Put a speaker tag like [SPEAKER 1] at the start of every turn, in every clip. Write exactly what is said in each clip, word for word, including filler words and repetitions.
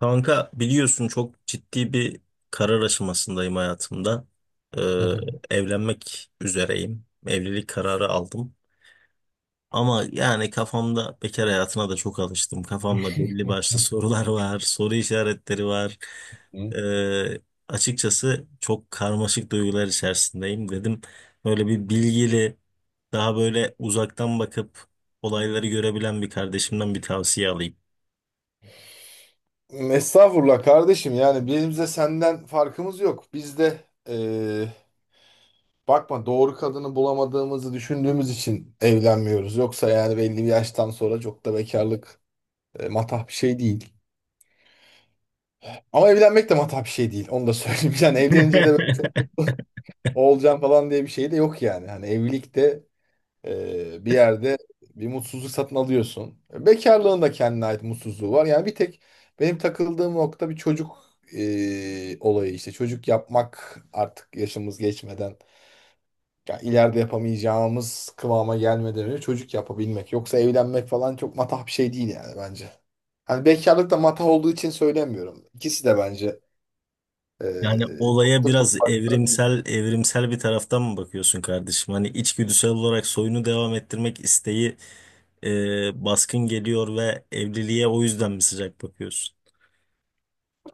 [SPEAKER 1] Kanka biliyorsun çok ciddi bir karar aşamasındayım hayatımda. Ee,
[SPEAKER 2] Hı hı.
[SPEAKER 1] Evlenmek üzereyim. Evlilik kararı aldım. Ama yani kafamda bekar hayatına da çok alıştım. Kafamda belli başlı sorular var, soru işaretleri var.
[SPEAKER 2] Hı.
[SPEAKER 1] Ee, Açıkçası çok karmaşık duygular içerisindeyim dedim. Böyle bir bilgili, daha böyle uzaktan bakıp olayları görebilen bir kardeşimden bir tavsiye alayım.
[SPEAKER 2] Estağfurullah kardeşim, yani bizim de senden farkımız yok. Biz de eee, bakma, doğru kadını bulamadığımızı düşündüğümüz için evlenmiyoruz. Yoksa yani belli bir yaştan sonra çok da bekarlık e, matah bir şey değil. Ama evlenmek de matah bir şey değil. Onu da söyleyeyim. Yani evlenince de böyle çok olacağım falan diye bir şey de yok yani. Hani evlilik de, Ee, bir yerde bir mutsuzluk satın alıyorsun. Bekarlığın da kendine ait mutsuzluğu var. Yani bir tek benim takıldığım nokta bir çocuk ee, olayı işte. Çocuk yapmak artık yaşımız geçmeden, ya ileride yapamayacağımız kıvama gelmeden önce çocuk yapabilmek. Yoksa evlenmek falan çok matah bir şey değil yani bence. Hani bekarlık da matah olduğu için söylemiyorum. İkisi de bence ee,
[SPEAKER 1] Yani
[SPEAKER 2] çok
[SPEAKER 1] olaya
[SPEAKER 2] da
[SPEAKER 1] biraz
[SPEAKER 2] büyük farklar değil.
[SPEAKER 1] evrimsel evrimsel bir taraftan mı bakıyorsun kardeşim? Hani içgüdüsel olarak soyunu devam ettirmek isteği e, baskın geliyor ve evliliğe o yüzden mi sıcak bakıyorsun?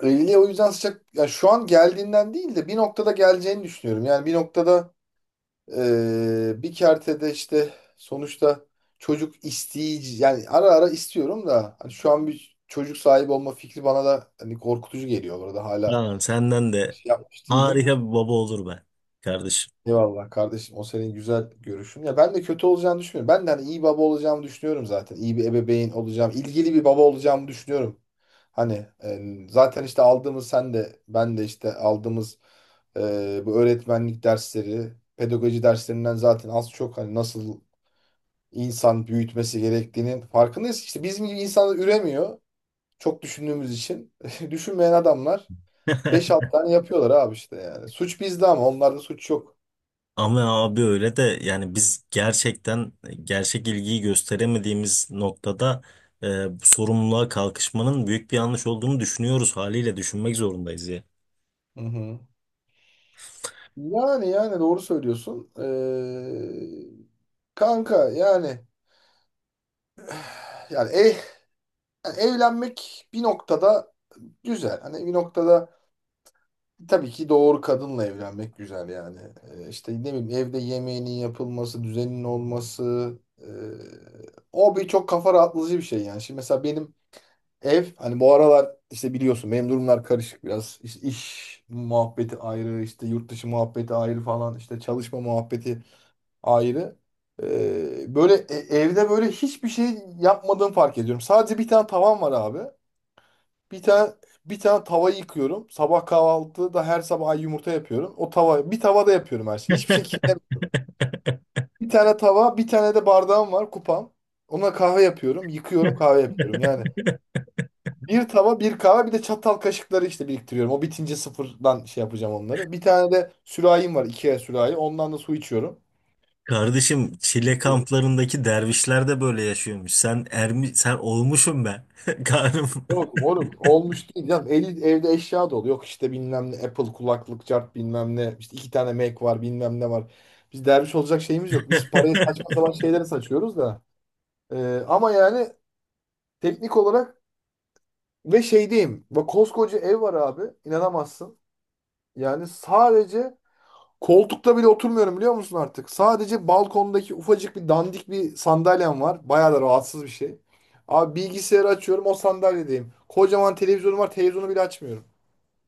[SPEAKER 2] Evliliğe o yüzden sıcak, ya şu an geldiğinden değil de bir noktada geleceğini düşünüyorum. Yani bir noktada, Ee, bir kertede işte sonuçta çocuk isteyici, yani ara ara istiyorum da hani şu an bir çocuk sahibi olma fikri bana da hani korkutucu geliyor, orada hala
[SPEAKER 1] Tamam, senden de
[SPEAKER 2] şey yapmış değilim.
[SPEAKER 1] harika bir baba olur be kardeşim.
[SPEAKER 2] Eyvallah kardeşim, o senin güzel görüşün. Ya ben de kötü olacağını düşünmüyorum. Ben de hani iyi baba olacağımı düşünüyorum zaten. İyi bir ebeveyn olacağım. İlgili bir baba olacağımı düşünüyorum. Hani e, zaten işte aldığımız, sen de ben de işte aldığımız e, bu öğretmenlik dersleri, pedagoji derslerinden zaten az çok hani nasıl insan büyütmesi gerektiğinin farkındayız. İşte bizim gibi insanlar üremiyor. Çok düşündüğümüz için. Düşünmeyen adamlar beş 6 tane yapıyorlar abi işte yani. Suç bizde, ama onlarda suç yok.
[SPEAKER 1] Ama abi öyle de, yani biz gerçekten gerçek ilgiyi gösteremediğimiz noktada e, bu sorumluluğa kalkışmanın büyük bir yanlış olduğunu düşünüyoruz, haliyle düşünmek zorundayız ya.
[SPEAKER 2] Hı hı. Yani yani doğru söylüyorsun. Ee, kanka, yani yani, ev, yani evlenmek bir noktada güzel. Hani bir noktada, tabii ki doğru kadınla evlenmek güzel yani. Ee, işte ne bileyim, evde yemeğinin yapılması, düzenin olması. e, O bir çok kafa rahatlatıcı bir şey yani. Şimdi mesela benim ev, hani bu aralar işte biliyorsun benim durumlar karışık biraz. İşte iş muhabbeti ayrı, işte yurt dışı muhabbeti ayrı falan, işte çalışma muhabbeti ayrı. Ee, böyle e- evde böyle hiçbir şey yapmadığımı fark ediyorum. Sadece bir tane tavan var abi. Bir tane bir tane tava yıkıyorum. Sabah kahvaltıda her sabah yumurta yapıyorum. O tava, bir tavada yapıyorum her şeyi. Hiçbir şey kirlem- Bir tane tava, bir tane de bardağım var, kupam. Ona kahve yapıyorum, yıkıyorum, kahve yapıyorum. Yani bir tava, bir kahve, bir de çatal kaşıkları işte biriktiriyorum. O bitince sıfırdan şey yapacağım onları. Bir tane de sürahim var, Ikea sürahi. Ondan da su içiyorum.
[SPEAKER 1] Kardeşim, Çile kamplarındaki dervişler de böyle yaşıyormuş. Sen ermi sen olmuşum ben. Karım.
[SPEAKER 2] Yok moruk, olmuş değil canım. elli evde eşya dolu. Yok işte, bilmem ne Apple kulaklık, cart bilmem ne. İşte iki tane Mac var, bilmem ne var. Biz derviş olacak şeyimiz yok. Biz parayı saçma sapan şeylere saçıyoruz da. Ee, ama yani teknik olarak ve şey diyeyim, bak koskoca ev var abi. İnanamazsın. Yani sadece koltukta bile oturmuyorum, biliyor musun artık? Sadece balkondaki ufacık bir dandik bir sandalyem var. Bayağı da rahatsız bir şey. Abi bilgisayarı açıyorum, o sandalyedeyim. Kocaman televizyonum var, televizyonu bile açmıyorum.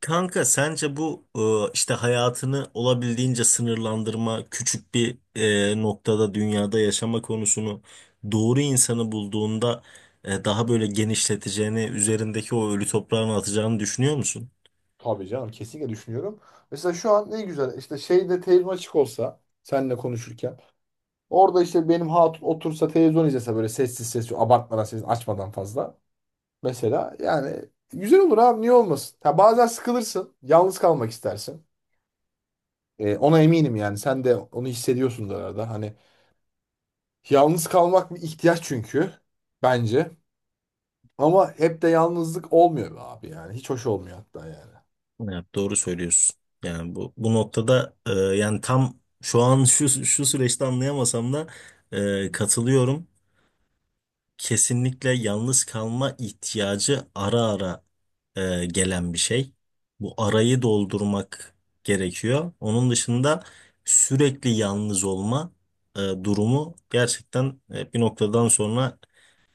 [SPEAKER 1] Kanka, sence bu e, işte hayatını olabildiğince sınırlandırma, küçük bir e, noktada dünyada yaşama konusunu doğru insanı bulduğunda e, daha böyle genişleteceğini, üzerindeki o ölü toprağını atacağını düşünüyor musun?
[SPEAKER 2] Tabii canım, kesinlikle düşünüyorum. Mesela şu an ne güzel, işte şeyde, televizyon açık olsa seninle konuşurken, orada işte benim hatun otursa, televizyon izlese böyle sessiz sessiz, abartmadan, sessiz, açmadan fazla. Mesela yani güzel olur abi, niye olmasın? Ha, bazen sıkılırsın, yalnız kalmak istersin. Ee, ona eminim yani, sen de onu hissediyorsundur arada. Hani yalnız kalmak bir ihtiyaç çünkü, bence. Ama hep de yalnızlık olmuyor be abi, yani hiç hoş olmuyor hatta yani.
[SPEAKER 1] Evet, doğru söylüyorsun. Yani bu bu noktada, e, yani tam şu an şu şu süreçte anlayamasam da e, katılıyorum. Kesinlikle yalnız kalma ihtiyacı ara ara e, gelen bir şey. Bu arayı doldurmak gerekiyor. Onun dışında sürekli yalnız olma e, durumu gerçekten e, bir noktadan sonra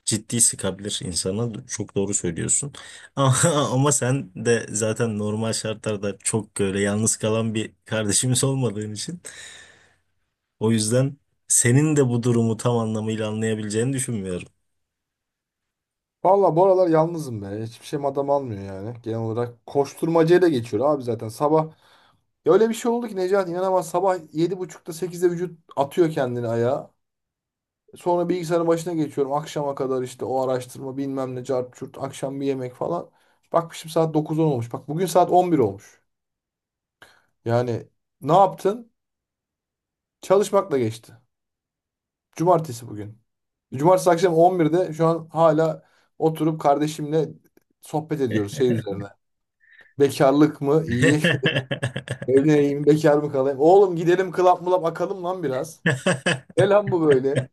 [SPEAKER 1] ciddi sıkabilir insana. Çok doğru söylüyorsun. Ama, ama sen de zaten normal şartlarda çok böyle yalnız kalan bir kardeşimiz olmadığın için, o yüzden senin de bu durumu tam anlamıyla anlayabileceğini düşünmüyorum.
[SPEAKER 2] Valla bu aralar yalnızım be. Hiçbir şeyim adam almıyor yani. Genel olarak koşturmacayla geçiyor abi zaten. Sabah, ya öyle bir şey oldu ki Necati inanamaz. Sabah yedi buçukta sekizde vücut atıyor kendini ayağa. Sonra bilgisayarın başına geçiyorum. Akşama kadar işte o araştırma, bilmem ne, cart curt. Akşam bir yemek falan. Bakmışım saat dokuz on olmuş. Bak bugün saat on bir olmuş. Yani ne yaptın? Çalışmakla geçti. Cumartesi bugün. Cumartesi akşam on birde şu an hala oturup kardeşimle sohbet ediyoruz şey üzerine. Bekarlık mı? İyi. Evleneyim, bekar mı kalayım? Oğlum gidelim club mulap akalım lan biraz. Ne lan bu böyle?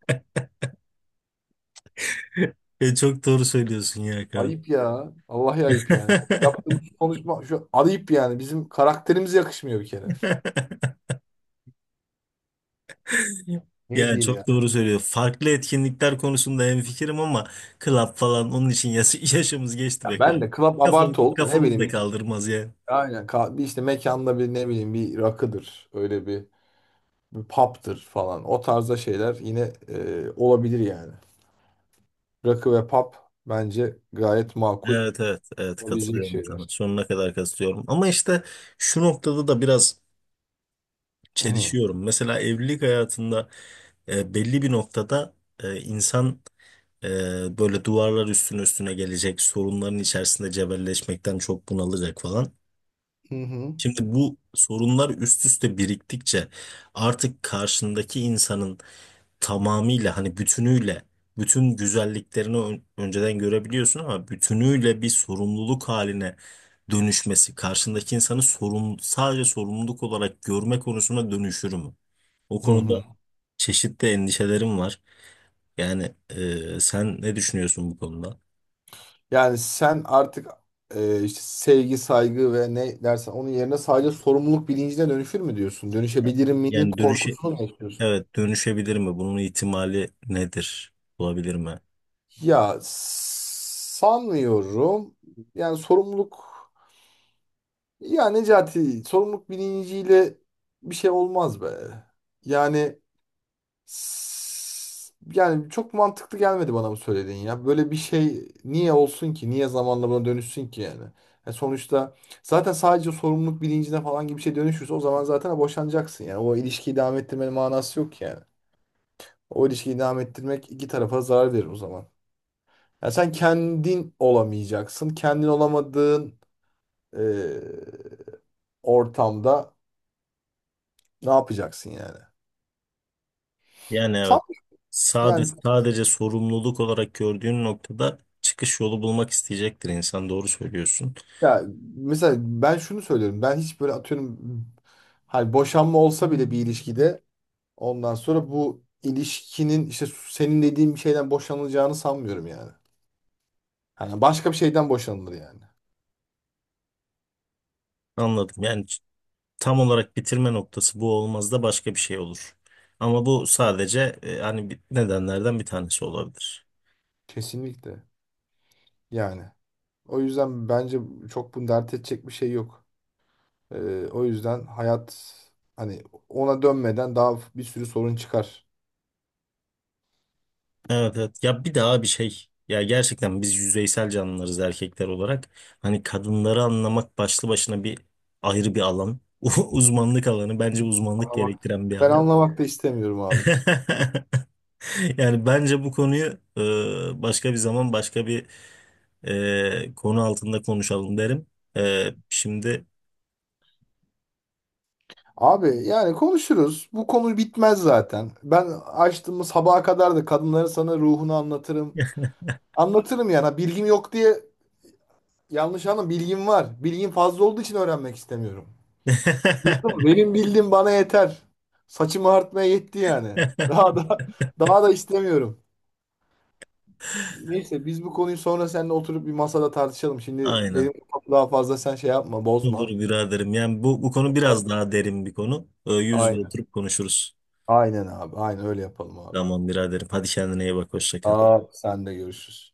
[SPEAKER 1] E, çok doğru söylüyorsun ya Kaan.
[SPEAKER 2] Ayıp ya. Vallahi ayıp yani. Yaptığımız konuşma şu, ayıp yani. Bizim karakterimize yakışmıyor bir kere. Ne
[SPEAKER 1] Yani
[SPEAKER 2] diyeyim
[SPEAKER 1] çok
[SPEAKER 2] ya?
[SPEAKER 1] doğru söylüyor. Farklı etkinlikler konusunda hemfikirim, ama club falan onun için yaş yaşımız geçti
[SPEAKER 2] Ya
[SPEAKER 1] be
[SPEAKER 2] ben
[SPEAKER 1] yani.
[SPEAKER 2] de club
[SPEAKER 1] Kafa,
[SPEAKER 2] abartı oldu da ne
[SPEAKER 1] kafamız
[SPEAKER 2] bileyim.
[SPEAKER 1] da
[SPEAKER 2] bir-
[SPEAKER 1] kaldırmaz ya.
[SPEAKER 2] Aynen. ka- Bir işte mekanda bir ne bileyim bir rakıdır. Öyle bir, bir pub'dır falan. O tarzda şeyler yine e, olabilir yani. Rakı ve pub bence gayet makul
[SPEAKER 1] Evet, evet, evet,
[SPEAKER 2] olabilecek
[SPEAKER 1] katılıyorum sana.
[SPEAKER 2] şeyler.
[SPEAKER 1] Sonuna kadar katılıyorum. Ama işte şu noktada da biraz
[SPEAKER 2] Hı hı.
[SPEAKER 1] çelişiyorum. Mesela evlilik hayatında, e, belli bir noktada, e, insan, e, böyle duvarlar üstüne üstüne gelecek, sorunların içerisinde cebelleşmekten çok bunalacak falan.
[SPEAKER 2] Hı hı.
[SPEAKER 1] Şimdi bu sorunlar üst üste biriktikçe artık karşındaki insanın tamamıyla, hani bütünüyle bütün güzelliklerini ön- önceden görebiliyorsun, ama bütünüyle bir sorumluluk haline dönüşmesi, karşındaki insanı sorumlu, sadece sorumluluk olarak görme konusuna dönüşür mü? O
[SPEAKER 2] Hı
[SPEAKER 1] konuda
[SPEAKER 2] hı.
[SPEAKER 1] çeşitli endişelerim var. Yani e, sen ne düşünüyorsun bu konuda?
[SPEAKER 2] Yani sen artık e, işte sevgi, saygı ve ne dersen onun yerine sadece sorumluluk bilincine dönüşür mü diyorsun? Dönüşebilir miyinin
[SPEAKER 1] Yani dönüşe
[SPEAKER 2] korkusunu mu yaşıyorsun?
[SPEAKER 1] evet, dönüşebilir mi? Bunun ihtimali nedir? Olabilir mi?
[SPEAKER 2] Ya sanmıyorum. Yani sorumluluk, ya Necati, sorumluluk bilinciyle bir şey olmaz be. Yani S- yani çok mantıklı gelmedi bana bu söylediğin ya. Böyle bir şey niye olsun ki? Niye zamanla buna dönüşsün ki yani? Ya sonuçta zaten sadece sorumluluk bilincine falan gibi bir şey dönüşürse o zaman zaten boşanacaksın. Yani o ilişkiyi devam ettirmenin manası yok ki yani. O ilişkiyi devam ettirmek iki tarafa zarar verir o zaman. Ya sen kendin olamayacaksın. Kendin olamadığın eee, ortamda ne yapacaksın yani?
[SPEAKER 1] Yani evet.
[SPEAKER 2] Sanmıyorum.
[SPEAKER 1] Sadece,
[SPEAKER 2] Yani,
[SPEAKER 1] sadece sorumluluk olarak gördüğün noktada çıkış yolu bulmak isteyecektir insan. Doğru söylüyorsun.
[SPEAKER 2] ya mesela ben şunu söylüyorum. Ben hiç böyle atıyorum, hani boşanma olsa bile bir ilişkide ondan sonra bu ilişkinin, işte senin dediğin bir şeyden boşanılacağını sanmıyorum yani. Hani başka bir şeyden boşanılır yani.
[SPEAKER 1] Anladım. Yani ç- tam olarak bitirme noktası bu olmaz da başka bir şey olur. Ama bu sadece, e, hani bir- nedenlerden bir tanesi olabilir.
[SPEAKER 2] Kesinlikle. Yani. O yüzden bence çok bunu dert edecek bir şey yok. Ee, o yüzden hayat, hani ona dönmeden daha bir sürü sorun çıkar.
[SPEAKER 1] Evet, evet. Ya bir daha bir şey. Ya gerçekten biz yüzeysel canlılarız erkekler olarak. Hani kadınları anlamak başlı başına bir ayrı bir alan. Uzmanlık alanı. Bence uzmanlık
[SPEAKER 2] Anlamak.
[SPEAKER 1] gerektiren bir
[SPEAKER 2] Ben, evet,
[SPEAKER 1] alan.
[SPEAKER 2] anlamak da istemiyorum abi.
[SPEAKER 1] Yani bence bu konuyu e, başka bir zaman başka bir e, konu altında konuşalım derim. E, Şimdi
[SPEAKER 2] Abi yani konuşuruz. Bu konu bitmez zaten. Ben, açtığımız sabaha kadar da kadınların sana ruhunu anlatırım. Anlatırım yani. Ha, bilgim yok diye yanlış anlama. Bilgim var. Bilgim fazla olduğu için öğrenmek istemiyorum. Anladın mı? Benim bildiğim bana yeter. Saçımı artmaya yetti yani. Daha da daha da istemiyorum. Neyse, biz bu konuyu sonra seninle oturup bir masada tartışalım. Şimdi
[SPEAKER 1] aynen
[SPEAKER 2] benim kafamı daha fazla sen şey yapma,
[SPEAKER 1] olur
[SPEAKER 2] bozma.
[SPEAKER 1] biraderim. Yani bu, bu konu
[SPEAKER 2] Sonra-
[SPEAKER 1] biraz daha derin bir konu. E, yüz yüze
[SPEAKER 2] Aynen.
[SPEAKER 1] oturup konuşuruz.
[SPEAKER 2] Aynen abi. Aynen öyle yapalım abi.
[SPEAKER 1] Tamam biraderim. Hadi kendine iyi bak. Hoşça kal.
[SPEAKER 2] Aa, sen de görüşürüz.